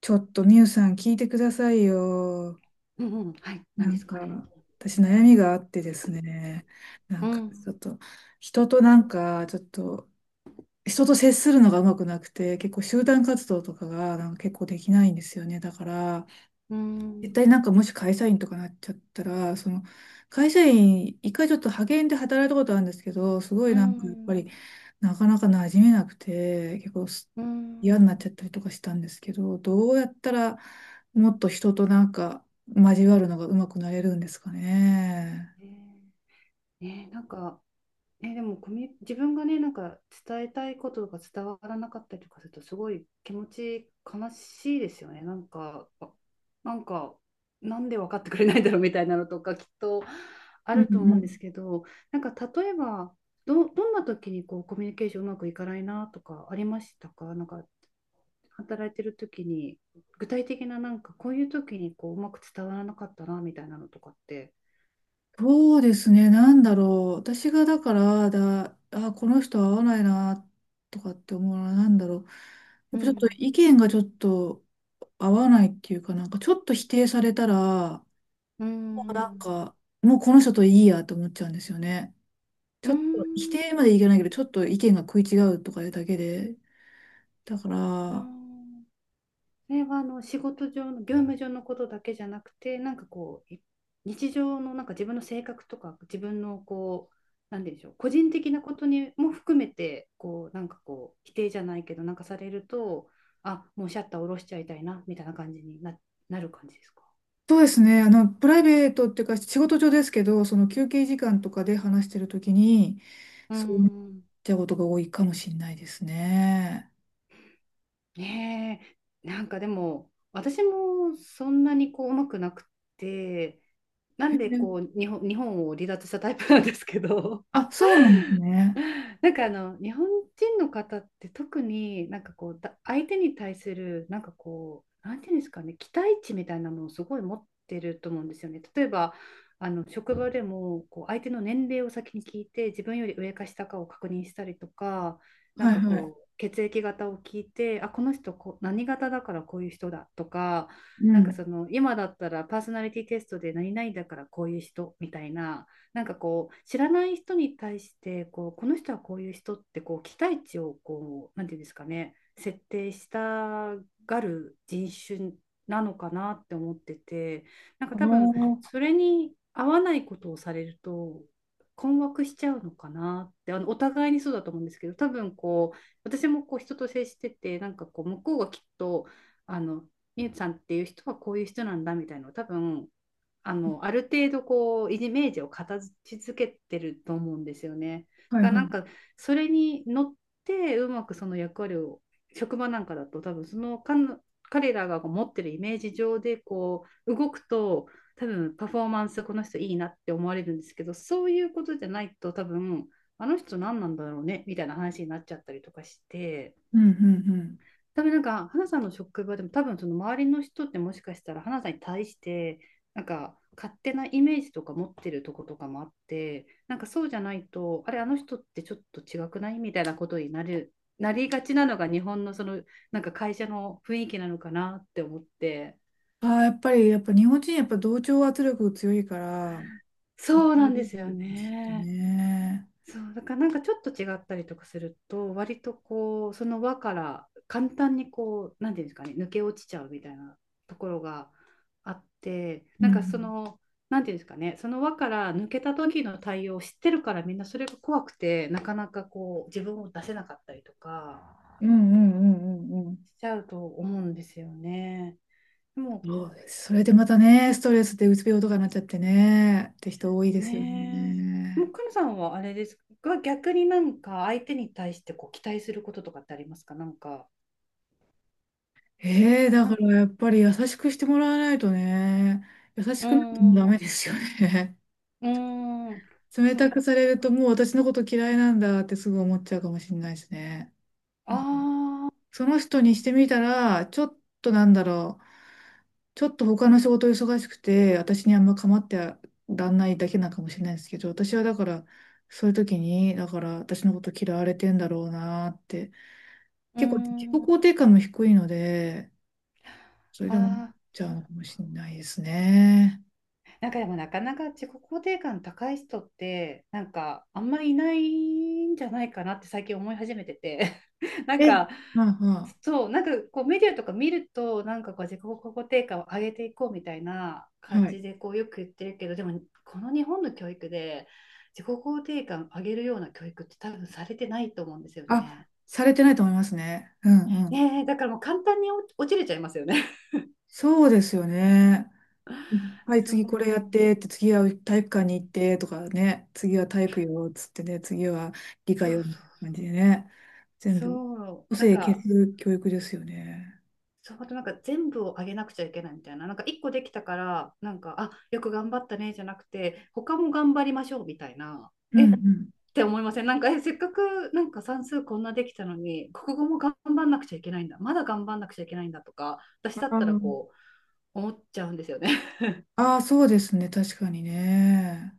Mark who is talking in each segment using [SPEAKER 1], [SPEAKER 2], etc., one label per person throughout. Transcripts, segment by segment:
[SPEAKER 1] ちょっとミュウさん聞いてくださいよ。
[SPEAKER 2] うんうん、はい、何
[SPEAKER 1] な
[SPEAKER 2] で
[SPEAKER 1] ん
[SPEAKER 2] すかね。
[SPEAKER 1] か、私悩みがあってですね。な
[SPEAKER 2] う
[SPEAKER 1] んか、ちょ
[SPEAKER 2] ん、
[SPEAKER 1] っと、人となんか、ちょっと、人と接するのがうまくなくて、結構集団活動とかがなんか結構できないんですよね。だから、
[SPEAKER 2] う
[SPEAKER 1] 絶
[SPEAKER 2] ん、
[SPEAKER 1] 対なんかもし会社員とかなっちゃったら、その会社員、一回ちょっと派遣で働いたことあるんですけど、すご
[SPEAKER 2] う
[SPEAKER 1] いなんかやっぱ
[SPEAKER 2] ん、
[SPEAKER 1] りなかなか馴染めなくて、結構す
[SPEAKER 2] う
[SPEAKER 1] 嫌になっち
[SPEAKER 2] ん。
[SPEAKER 1] ゃったりとかしたんですけど、どうやったらもっと人となんか交わるのがうまくなれるんですかね。
[SPEAKER 2] ねえ、ねえなんか、ね、でもコミュ、自分がね、なんか伝えたいことが伝わらなかったりとかすると、すごい気持ち悲しいですよね。なんか、なんで分かってくれないんだろうみたいなのとか、きっとあ
[SPEAKER 1] うん
[SPEAKER 2] ると思
[SPEAKER 1] う
[SPEAKER 2] うんです
[SPEAKER 1] ん、
[SPEAKER 2] けど、なんか例えば、どんな時にこうコミュニケーションうまくいかないなとかありましたか？なんか働いてる時に、具体的ななんかこういう時にこううまく伝わらなかったなみたいなのとかって。
[SPEAKER 1] そうですね、なんだろう。私がだから、だ、あ、この人合わないな、とかって思うのは、なんだろう。や
[SPEAKER 2] う
[SPEAKER 1] っぱちょっと
[SPEAKER 2] ん
[SPEAKER 1] 意見がちょっと合わないっていうかなんか、ちょっと否定されたら、
[SPEAKER 2] う
[SPEAKER 1] もうなん
[SPEAKER 2] ん
[SPEAKER 1] か、もうこの人といいやと思っちゃうんですよね。
[SPEAKER 2] う
[SPEAKER 1] ちょっと、否
[SPEAKER 2] ん。
[SPEAKER 1] 定までいけないけど、ちょっと意見が食い違うとかいうだけで。だから、
[SPEAKER 2] あそれは、あの仕事上の業務上のことだけじゃなくて、なんかこう日常のなんか自分の性格とか自分のこうなんでしょう、個人的なことにも含めて、こうなんかこう否定じゃないけどなんかされると、もうシャッター下ろしちゃいたいなみたいな感じになる感じですか？
[SPEAKER 1] そうですね。あの、プライベートっていうか、仕事上ですけど、その休憩時間とかで話してるときに、
[SPEAKER 2] うー
[SPEAKER 1] そうなっ
[SPEAKER 2] ん。
[SPEAKER 1] ちゃうことが多いかもしれないですね。
[SPEAKER 2] ねえ、なんかでも、私もそんなにこう、うまくなくて、な
[SPEAKER 1] へ
[SPEAKER 2] んでこ
[SPEAKER 1] え、
[SPEAKER 2] う、日本を離脱したタイプなんですけど、
[SPEAKER 1] あ、そうなんですね。
[SPEAKER 2] なんかあの日本人の方って、特になんかこう相手に対するなんかこうなんていうんですかね、期待値みたいなものをすごい持ってると思うんですよね。例えばあの職場でもこう相手の年齢を先に聞いて、自分より上か下かを確認したりとか、なん
[SPEAKER 1] はい
[SPEAKER 2] か
[SPEAKER 1] はい。
[SPEAKER 2] こう血液型を聞いて、この人こう何型だからこういう人だとか、
[SPEAKER 1] う
[SPEAKER 2] なん
[SPEAKER 1] ん。
[SPEAKER 2] かその今だったらパーソナリティテストで何々だからこういう人みたいな。なんかこう知らない人に対して、こうこの人はこういう人ってこう期待値をこうなんていうんですかね、設定したがる人種なのかなって思ってて、なんか
[SPEAKER 1] あ
[SPEAKER 2] 多分
[SPEAKER 1] の、
[SPEAKER 2] それに合わないことをされると困惑しちゃうのかなって。あのお互いにそうだと思うんですけど、多分こう私もこう人と接してて、なんかこう向こうがきっと、あのみゆさんっていう人はこういう人なんだみたいなのを、多分あの、ある程度こう、イメージを形付けてると思うんですよね。
[SPEAKER 1] は
[SPEAKER 2] だ
[SPEAKER 1] い
[SPEAKER 2] から
[SPEAKER 1] は
[SPEAKER 2] な
[SPEAKER 1] い。
[SPEAKER 2] んか、それに乗って、うまくその役割を、職場なんかだと多分その彼らが持ってるイメージ上でこう、動くと、多分パフォーマンスこの人いいなって思われるんですけど、そういうことじゃないと多分、あの人何なんだろうねみたいな話になっちゃったりとかして、
[SPEAKER 1] うんうんうん。
[SPEAKER 2] 多分なんか、花さんの職場でも、多分その周りの人ってもしかしたら、花さんに対して、なんか、勝手なイメージとか持ってるとことかもあって、なんかそうじゃないと、あれ、あの人ってちょっと違くないみたいなことになりがちなのが日本のその、なんか会社の雰囲気なのかなって思って。
[SPEAKER 1] ああ、やっぱり、やっぱ日本人、やっぱ同調圧力強いから、そこ
[SPEAKER 2] そうなんで
[SPEAKER 1] で
[SPEAKER 2] す
[SPEAKER 1] す
[SPEAKER 2] よ
[SPEAKER 1] よね、きっと
[SPEAKER 2] ね。
[SPEAKER 1] ね。
[SPEAKER 2] そうだからなんかちょっと違ったりとかすると、割とこうその輪から簡単にこうなんていうんですかね、抜け落ちちゃうみたいなところがあって、
[SPEAKER 1] う
[SPEAKER 2] なんかそ
[SPEAKER 1] ん。
[SPEAKER 2] の、なんていうんですかね、その輪から抜けた時の対応を知ってるから、みんなそれが怖くてなかなかこう自分を出せなかったりとか
[SPEAKER 1] うんうんうんうんうん。
[SPEAKER 2] しちゃうと思うんですよね。でも
[SPEAKER 1] そうです。それでまたね、ストレスでうつ病とかなっちゃってね、って人多いですよ
[SPEAKER 2] ね、もう
[SPEAKER 1] ね。
[SPEAKER 2] くのさんはあれですが、逆になんか相手に対してこう期待することとかってありますか？なんか。
[SPEAKER 1] ええ、だ
[SPEAKER 2] な
[SPEAKER 1] か
[SPEAKER 2] ん
[SPEAKER 1] らやっぱり優しくしてもらわないとね、優し
[SPEAKER 2] うー
[SPEAKER 1] くなってもダ
[SPEAKER 2] ん、う
[SPEAKER 1] メですよね。
[SPEAKER 2] ーん、
[SPEAKER 1] 冷
[SPEAKER 2] そ
[SPEAKER 1] た
[SPEAKER 2] っ、
[SPEAKER 1] くされるともう私のこと嫌いなんだってすぐ思っちゃうかもしれないですね。なんか、
[SPEAKER 2] ああ
[SPEAKER 1] その人にしてみたら、ちょっとなんだろう。ちょっと他の仕事忙しくて、私にあんま構ってらんないだけなのかもしれないですけど、私はだから、そういう時に、だから私のこと嫌われてんだろうなって、
[SPEAKER 2] ー、うー
[SPEAKER 1] 結構自己
[SPEAKER 2] ん、
[SPEAKER 1] 肯
[SPEAKER 2] あ
[SPEAKER 1] 定感も低いので、それでも思っ
[SPEAKER 2] あ、
[SPEAKER 1] ちゃう
[SPEAKER 2] そ
[SPEAKER 1] の
[SPEAKER 2] う。
[SPEAKER 1] かもしれないですね。
[SPEAKER 2] なんかでもなかなか自己肯定感高い人って、なんかあんまりいないんじゃないかなって最近思い始めてて、なん
[SPEAKER 1] え、
[SPEAKER 2] か、
[SPEAKER 1] まあま
[SPEAKER 2] そう、なんかこうメディアとか見ると、なんかこう自己肯定感を上げていこうみたいな
[SPEAKER 1] あ、
[SPEAKER 2] 感
[SPEAKER 1] はい。
[SPEAKER 2] じでこうよく言ってるけど、でもこの日本の教育で自己肯定感上げるような教育って多分されてないと思うんですよ
[SPEAKER 1] あ、
[SPEAKER 2] ね。
[SPEAKER 1] されてないと思いますね。うんうん。
[SPEAKER 2] ねえ、だからもう簡単に落ちれちゃいますよね。
[SPEAKER 1] そうですよね。はい、
[SPEAKER 2] そう、
[SPEAKER 1] 次これやってって、次は体育館に行ってとかね、次は体育よっつってね、次は理科
[SPEAKER 2] そうそ
[SPEAKER 1] よ
[SPEAKER 2] う、
[SPEAKER 1] みたいな感じでね、全部、
[SPEAKER 2] そう、
[SPEAKER 1] 個
[SPEAKER 2] なん
[SPEAKER 1] 性消
[SPEAKER 2] か、
[SPEAKER 1] す教育ですよね。
[SPEAKER 2] そう、あとなんか全部をあげなくちゃいけないみたいな、なんか一個できたから、なんか、あ、よく頑張ったねじゃなくて、他も頑張りましょうみたいな、
[SPEAKER 1] う
[SPEAKER 2] え
[SPEAKER 1] ん
[SPEAKER 2] っ
[SPEAKER 1] うん。
[SPEAKER 2] て思いませんなんか、え、せっかくなんか算数こんなできたのに、国語も頑張んなくちゃいけないんだ、まだ頑張んなくちゃいけないんだとか、私だっ
[SPEAKER 1] あ
[SPEAKER 2] たらこう、思っちゃうんですよね。
[SPEAKER 1] あ、あーそうですね、確かにね。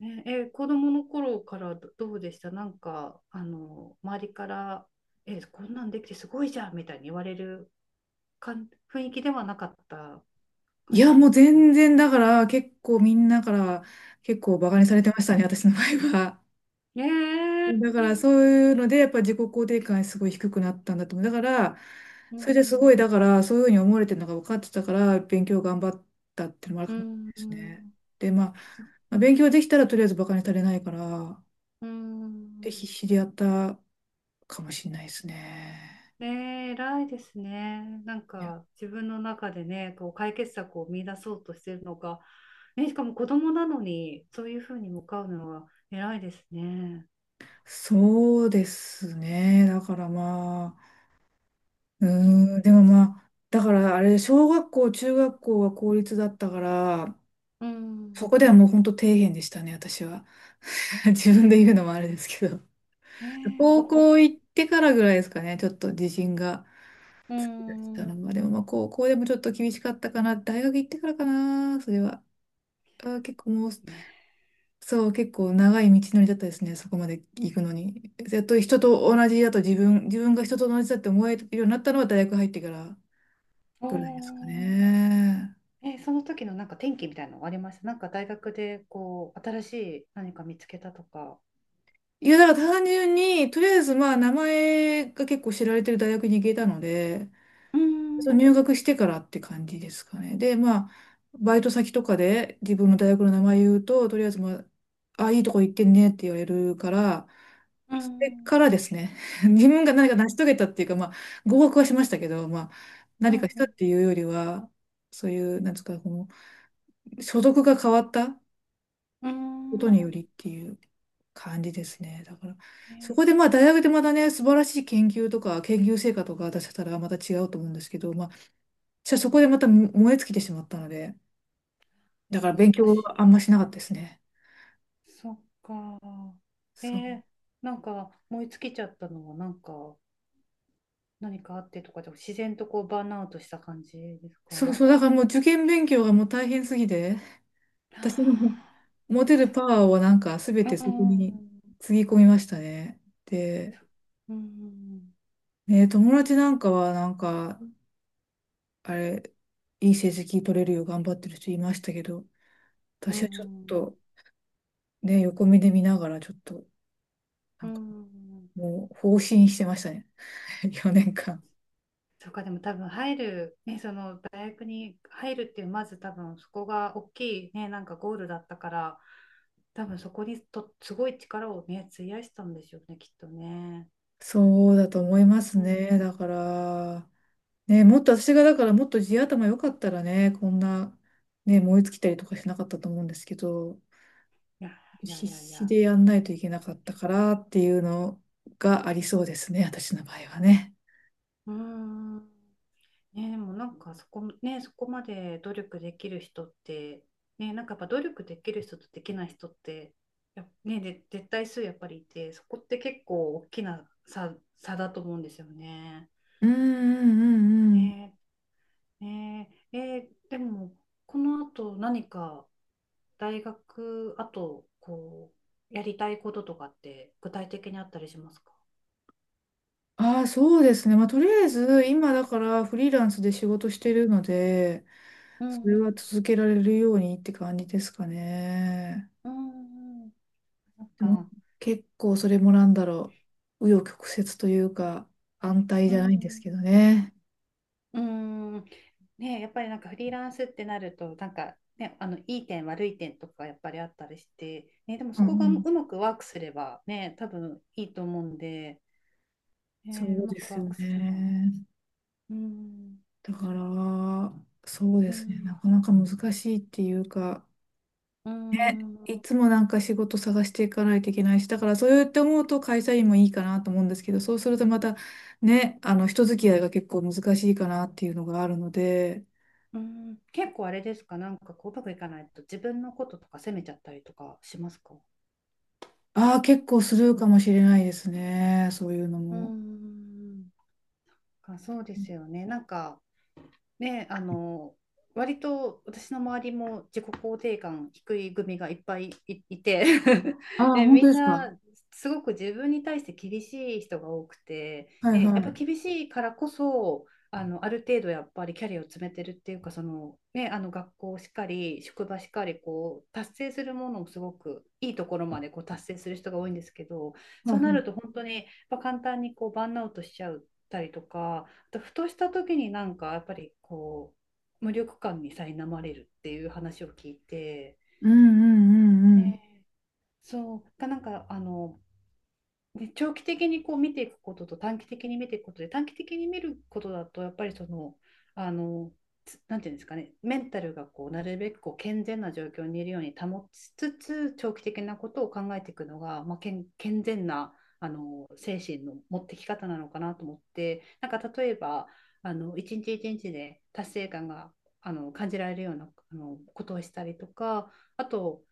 [SPEAKER 2] ねえ、子供の頃からどうでしたなんか、あの、周りから、え、こんなんできてすごいじゃんみたいに言われる雰囲気ではなかった
[SPEAKER 1] い
[SPEAKER 2] 感じ
[SPEAKER 1] や、
[SPEAKER 2] で
[SPEAKER 1] もう
[SPEAKER 2] すか？
[SPEAKER 1] 全然だから、結構みんなから結構バカにさ
[SPEAKER 2] う
[SPEAKER 1] れて
[SPEAKER 2] ん。
[SPEAKER 1] ましたね、私の場合は。
[SPEAKER 2] ねえ、
[SPEAKER 1] だからそういうので、やっぱ自己肯定感すごい低くなったんだと思う。だから、
[SPEAKER 2] う
[SPEAKER 1] それですごい、
[SPEAKER 2] ん、
[SPEAKER 1] だから、そういうふうに思われてるのが分かってたから、勉強頑張ったっていうのもある
[SPEAKER 2] う
[SPEAKER 1] かもしれな
[SPEAKER 2] ん、
[SPEAKER 1] いで
[SPEAKER 2] う
[SPEAKER 1] す
[SPEAKER 2] ん、
[SPEAKER 1] ね。で、まあ、
[SPEAKER 2] そ
[SPEAKER 1] まあ勉強できたらとりあえずバカにされないから、
[SPEAKER 2] う
[SPEAKER 1] で、必
[SPEAKER 2] ん。
[SPEAKER 1] 死でやったかもしれないですね。
[SPEAKER 2] ねえ、偉いですね。なん
[SPEAKER 1] いや、
[SPEAKER 2] か、自分の中でね、こう解決策を見出そうとしてるのが、ね、しかも子供なのに、そういうふうに向かうのは偉いですね。
[SPEAKER 1] そうですね。だからまあ、う
[SPEAKER 2] そ
[SPEAKER 1] ーん、でもまあ、だからあれ、小学校、中学校は公立だったから、
[SPEAKER 2] う。う
[SPEAKER 1] そ
[SPEAKER 2] ん、
[SPEAKER 1] こではもう本当底辺でしたね、私は。自分で言うのもあれですけど、
[SPEAKER 2] え ー、
[SPEAKER 1] 高
[SPEAKER 2] お、う
[SPEAKER 1] 校行ってからぐらいですかね、ちょっと自信が
[SPEAKER 2] ー
[SPEAKER 1] 出てきたの
[SPEAKER 2] ん、
[SPEAKER 1] は。でもまあ高校でもちょっと厳しかったかな、大学行ってからかな、それは。あー、結構もう、
[SPEAKER 2] ね、
[SPEAKER 1] そう、結構長い道のりだったですね、そこまで行くのに。やっと人と同じだと自分が人と同じだって思えるようになったのは大学入ってから
[SPEAKER 2] お
[SPEAKER 1] ぐらいですか
[SPEAKER 2] ー。
[SPEAKER 1] ね。
[SPEAKER 2] その時のなんか転機みたいなのありましたなんか大学でこう、新しい何か見つけたとか。
[SPEAKER 1] いや、だから単純に、とりあえずまあ名前が結構知られてる大学に行けたので、
[SPEAKER 2] うーん、う
[SPEAKER 1] そう入学してからって感じですかね。で、まあ、バイト先とかで自分の大学の名前言うと、とりあえず、いいとこ行ってんねって言われるから、
[SPEAKER 2] ー
[SPEAKER 1] それ
[SPEAKER 2] ん、
[SPEAKER 1] からですね。自分が何か成し遂げたっていうか、まあ、合格はしましたけど、まあ、
[SPEAKER 2] う
[SPEAKER 1] 何かしたっ
[SPEAKER 2] ん、
[SPEAKER 1] ていうよりは、そういう、なんですか、この所属が変わった
[SPEAKER 2] う
[SPEAKER 1] こと
[SPEAKER 2] ん、うー
[SPEAKER 1] によりっ
[SPEAKER 2] ん、
[SPEAKER 1] ていう感じですね。だから、
[SPEAKER 2] え
[SPEAKER 1] そこでまあ、
[SPEAKER 2] ー
[SPEAKER 1] 大学でまたね、素晴らしい研究とか、研究成果とか出せたらまた違うと思うんですけど、じゃあそこでまたも燃え尽きてしまったので、だから
[SPEAKER 2] 難し
[SPEAKER 1] 勉強
[SPEAKER 2] い
[SPEAKER 1] はあん
[SPEAKER 2] で
[SPEAKER 1] ま
[SPEAKER 2] す。
[SPEAKER 1] しなかったですね。
[SPEAKER 2] そっか。え
[SPEAKER 1] そう。
[SPEAKER 2] ーなんか燃え尽きちゃったのはなんか、何かあってとかじゃ、自然とこうバーンアウトした感じですか？
[SPEAKER 1] そう
[SPEAKER 2] は。
[SPEAKER 1] そう、だからもう受験勉強がもう大変すぎて、私の
[SPEAKER 2] あ
[SPEAKER 1] 持てる
[SPEAKER 2] そ
[SPEAKER 1] パワーをなんか全
[SPEAKER 2] っ
[SPEAKER 1] て
[SPEAKER 2] か。う
[SPEAKER 1] そこ
[SPEAKER 2] ん、
[SPEAKER 1] につぎ込みましたね。で、
[SPEAKER 2] そうん。
[SPEAKER 1] ね、友達なんかはなんか、あれ、いい成績取れるよう頑張ってる人いましたけど、
[SPEAKER 2] う
[SPEAKER 1] 私はちょっ
[SPEAKER 2] ん、
[SPEAKER 1] とね、横目で見ながらちょっと、な
[SPEAKER 2] う
[SPEAKER 1] んか
[SPEAKER 2] ん、
[SPEAKER 1] もう放心してましたね。4年間。
[SPEAKER 2] そうか、でも多分入る、ね、その大学に入るっていう、まず多分そこが大きいね、なんかゴールだったから、多分そこにとすごい力をね、費やしたんでしょうね、きっとね。
[SPEAKER 1] そうだと思います
[SPEAKER 2] うん、い
[SPEAKER 1] ね。だから、ね、もっと私がだからもっと地頭良かったらね、こんな、ね、燃え尽きたりとかしなかったと思うんですけど、
[SPEAKER 2] やいや
[SPEAKER 1] 必
[SPEAKER 2] いやい
[SPEAKER 1] 死
[SPEAKER 2] や、
[SPEAKER 1] でやんないといけなかったからっていうのがありそうですね、私の場合はね。
[SPEAKER 2] うん。ね、でもなんかそこ、ね、そこまで努力できる人って、ね、なんかやっぱ努力できる人とできない人ってね、で絶対数やっぱりいて、そこって結構大きな差だと思うんですよね。
[SPEAKER 1] うんうんうんうん。
[SPEAKER 2] ね、ねえー、でもこの後何か大学あとこうやりたいこととかって具体的にあったりしますか？
[SPEAKER 1] ああ、そうですね。まあ、とりあえず、今だからフリーランスで仕事してるので、
[SPEAKER 2] う
[SPEAKER 1] そ
[SPEAKER 2] ん
[SPEAKER 1] れ
[SPEAKER 2] う
[SPEAKER 1] は
[SPEAKER 2] ん
[SPEAKER 1] 続けられるようにって感じですかね。
[SPEAKER 2] うんうん、なん
[SPEAKER 1] でも
[SPEAKER 2] か、
[SPEAKER 1] 結構それもなんだろう、紆余曲折というか、安泰
[SPEAKER 2] う
[SPEAKER 1] じゃないんです
[SPEAKER 2] ん
[SPEAKER 1] けどね。
[SPEAKER 2] うーん。ねえ、やっぱりなんかフリーランスってなると、なんかね、あのいい点、悪い点とかやっぱりあったりして、ね、でも
[SPEAKER 1] う
[SPEAKER 2] そ
[SPEAKER 1] んう
[SPEAKER 2] こがう
[SPEAKER 1] ん、
[SPEAKER 2] まくワークすればね、多分いいと思うんで、
[SPEAKER 1] そ
[SPEAKER 2] ねえ、う
[SPEAKER 1] う
[SPEAKER 2] ま
[SPEAKER 1] で
[SPEAKER 2] く
[SPEAKER 1] す
[SPEAKER 2] ワー
[SPEAKER 1] よ
[SPEAKER 2] クすれば。
[SPEAKER 1] ね。
[SPEAKER 2] うーん、
[SPEAKER 1] だから、そうで
[SPEAKER 2] う
[SPEAKER 1] すね。
[SPEAKER 2] ん、
[SPEAKER 1] なかなか難しいっていうか、
[SPEAKER 2] うん、う
[SPEAKER 1] いつもなんか仕事探していかないといけないし、だからそうやって思うと会社員もいいかなと思うんですけど、そうするとまたね、あの人付き合いが結構難しいかなっていうのがあるので、
[SPEAKER 2] ん、結構あれですか、なんかこううまくいかないと自分のこととか責めちゃったりとかしますか？
[SPEAKER 1] ああ、結構するかもしれないですね。そういうの
[SPEAKER 2] うー
[SPEAKER 1] も。
[SPEAKER 2] ん、そうですよね。なんかね、あの、割と私の周りも自己肯定感低い組がいっぱいいて
[SPEAKER 1] あ あ、
[SPEAKER 2] で、
[SPEAKER 1] 本当
[SPEAKER 2] みん
[SPEAKER 1] ですか。
[SPEAKER 2] なすごく自分に対して厳しい人が多くて、
[SPEAKER 1] はい
[SPEAKER 2] で、やっ
[SPEAKER 1] は
[SPEAKER 2] ぱ
[SPEAKER 1] い。
[SPEAKER 2] 厳しいからこそ、あの、ある程度やっぱりキャリアを詰めてるっていうか、その、ね、あの学校しっかり、職場しっかり、こう、達成するものをすごくいいところまでこう達成する人が多いんですけど、
[SPEAKER 1] は
[SPEAKER 2] そ
[SPEAKER 1] い
[SPEAKER 2] う
[SPEAKER 1] は
[SPEAKER 2] な
[SPEAKER 1] い。
[SPEAKER 2] ると本当にやっぱ簡単にこうバーンアウトしちゃったりとか、ふとした時になんかやっぱりこう無力感に苛まれるっていう話を聞いて、
[SPEAKER 1] うんうんう
[SPEAKER 2] え
[SPEAKER 1] んう
[SPEAKER 2] ー
[SPEAKER 1] ん。
[SPEAKER 2] そうなんかあの、で、長期的にこう見ていくことと短期的に見ていくことで、短期的に見ることだと、やっぱりその、あの、なんていうんですかね、メンタルがこうなるべくこう健全な状況にいるように保ちつつ、長期的なことを考えていくのが、まあ、健、健全なあの精神の持ってき方なのかなと思って、なんか例えば、あの一日一日で達成感があの感じられるようなあのことをしたりとか、あと、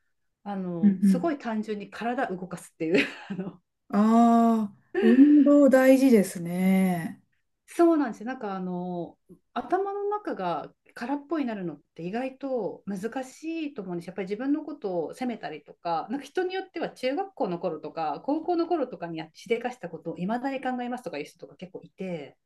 [SPEAKER 2] あ
[SPEAKER 1] うんう
[SPEAKER 2] のす
[SPEAKER 1] ん。
[SPEAKER 2] ごい単純に体動かすっていう あの、
[SPEAKER 1] ああ、運動大事ですね。
[SPEAKER 2] そうなんですよ。なんかあの頭の中が空っぽになるのって意外と難しいと思うんです。やっぱり自分のことを責めたりとか、なんか人によっては中学校の頃とか高校の頃とかにやしでかしたことをいまだに考えますとかいう人とか結構いて、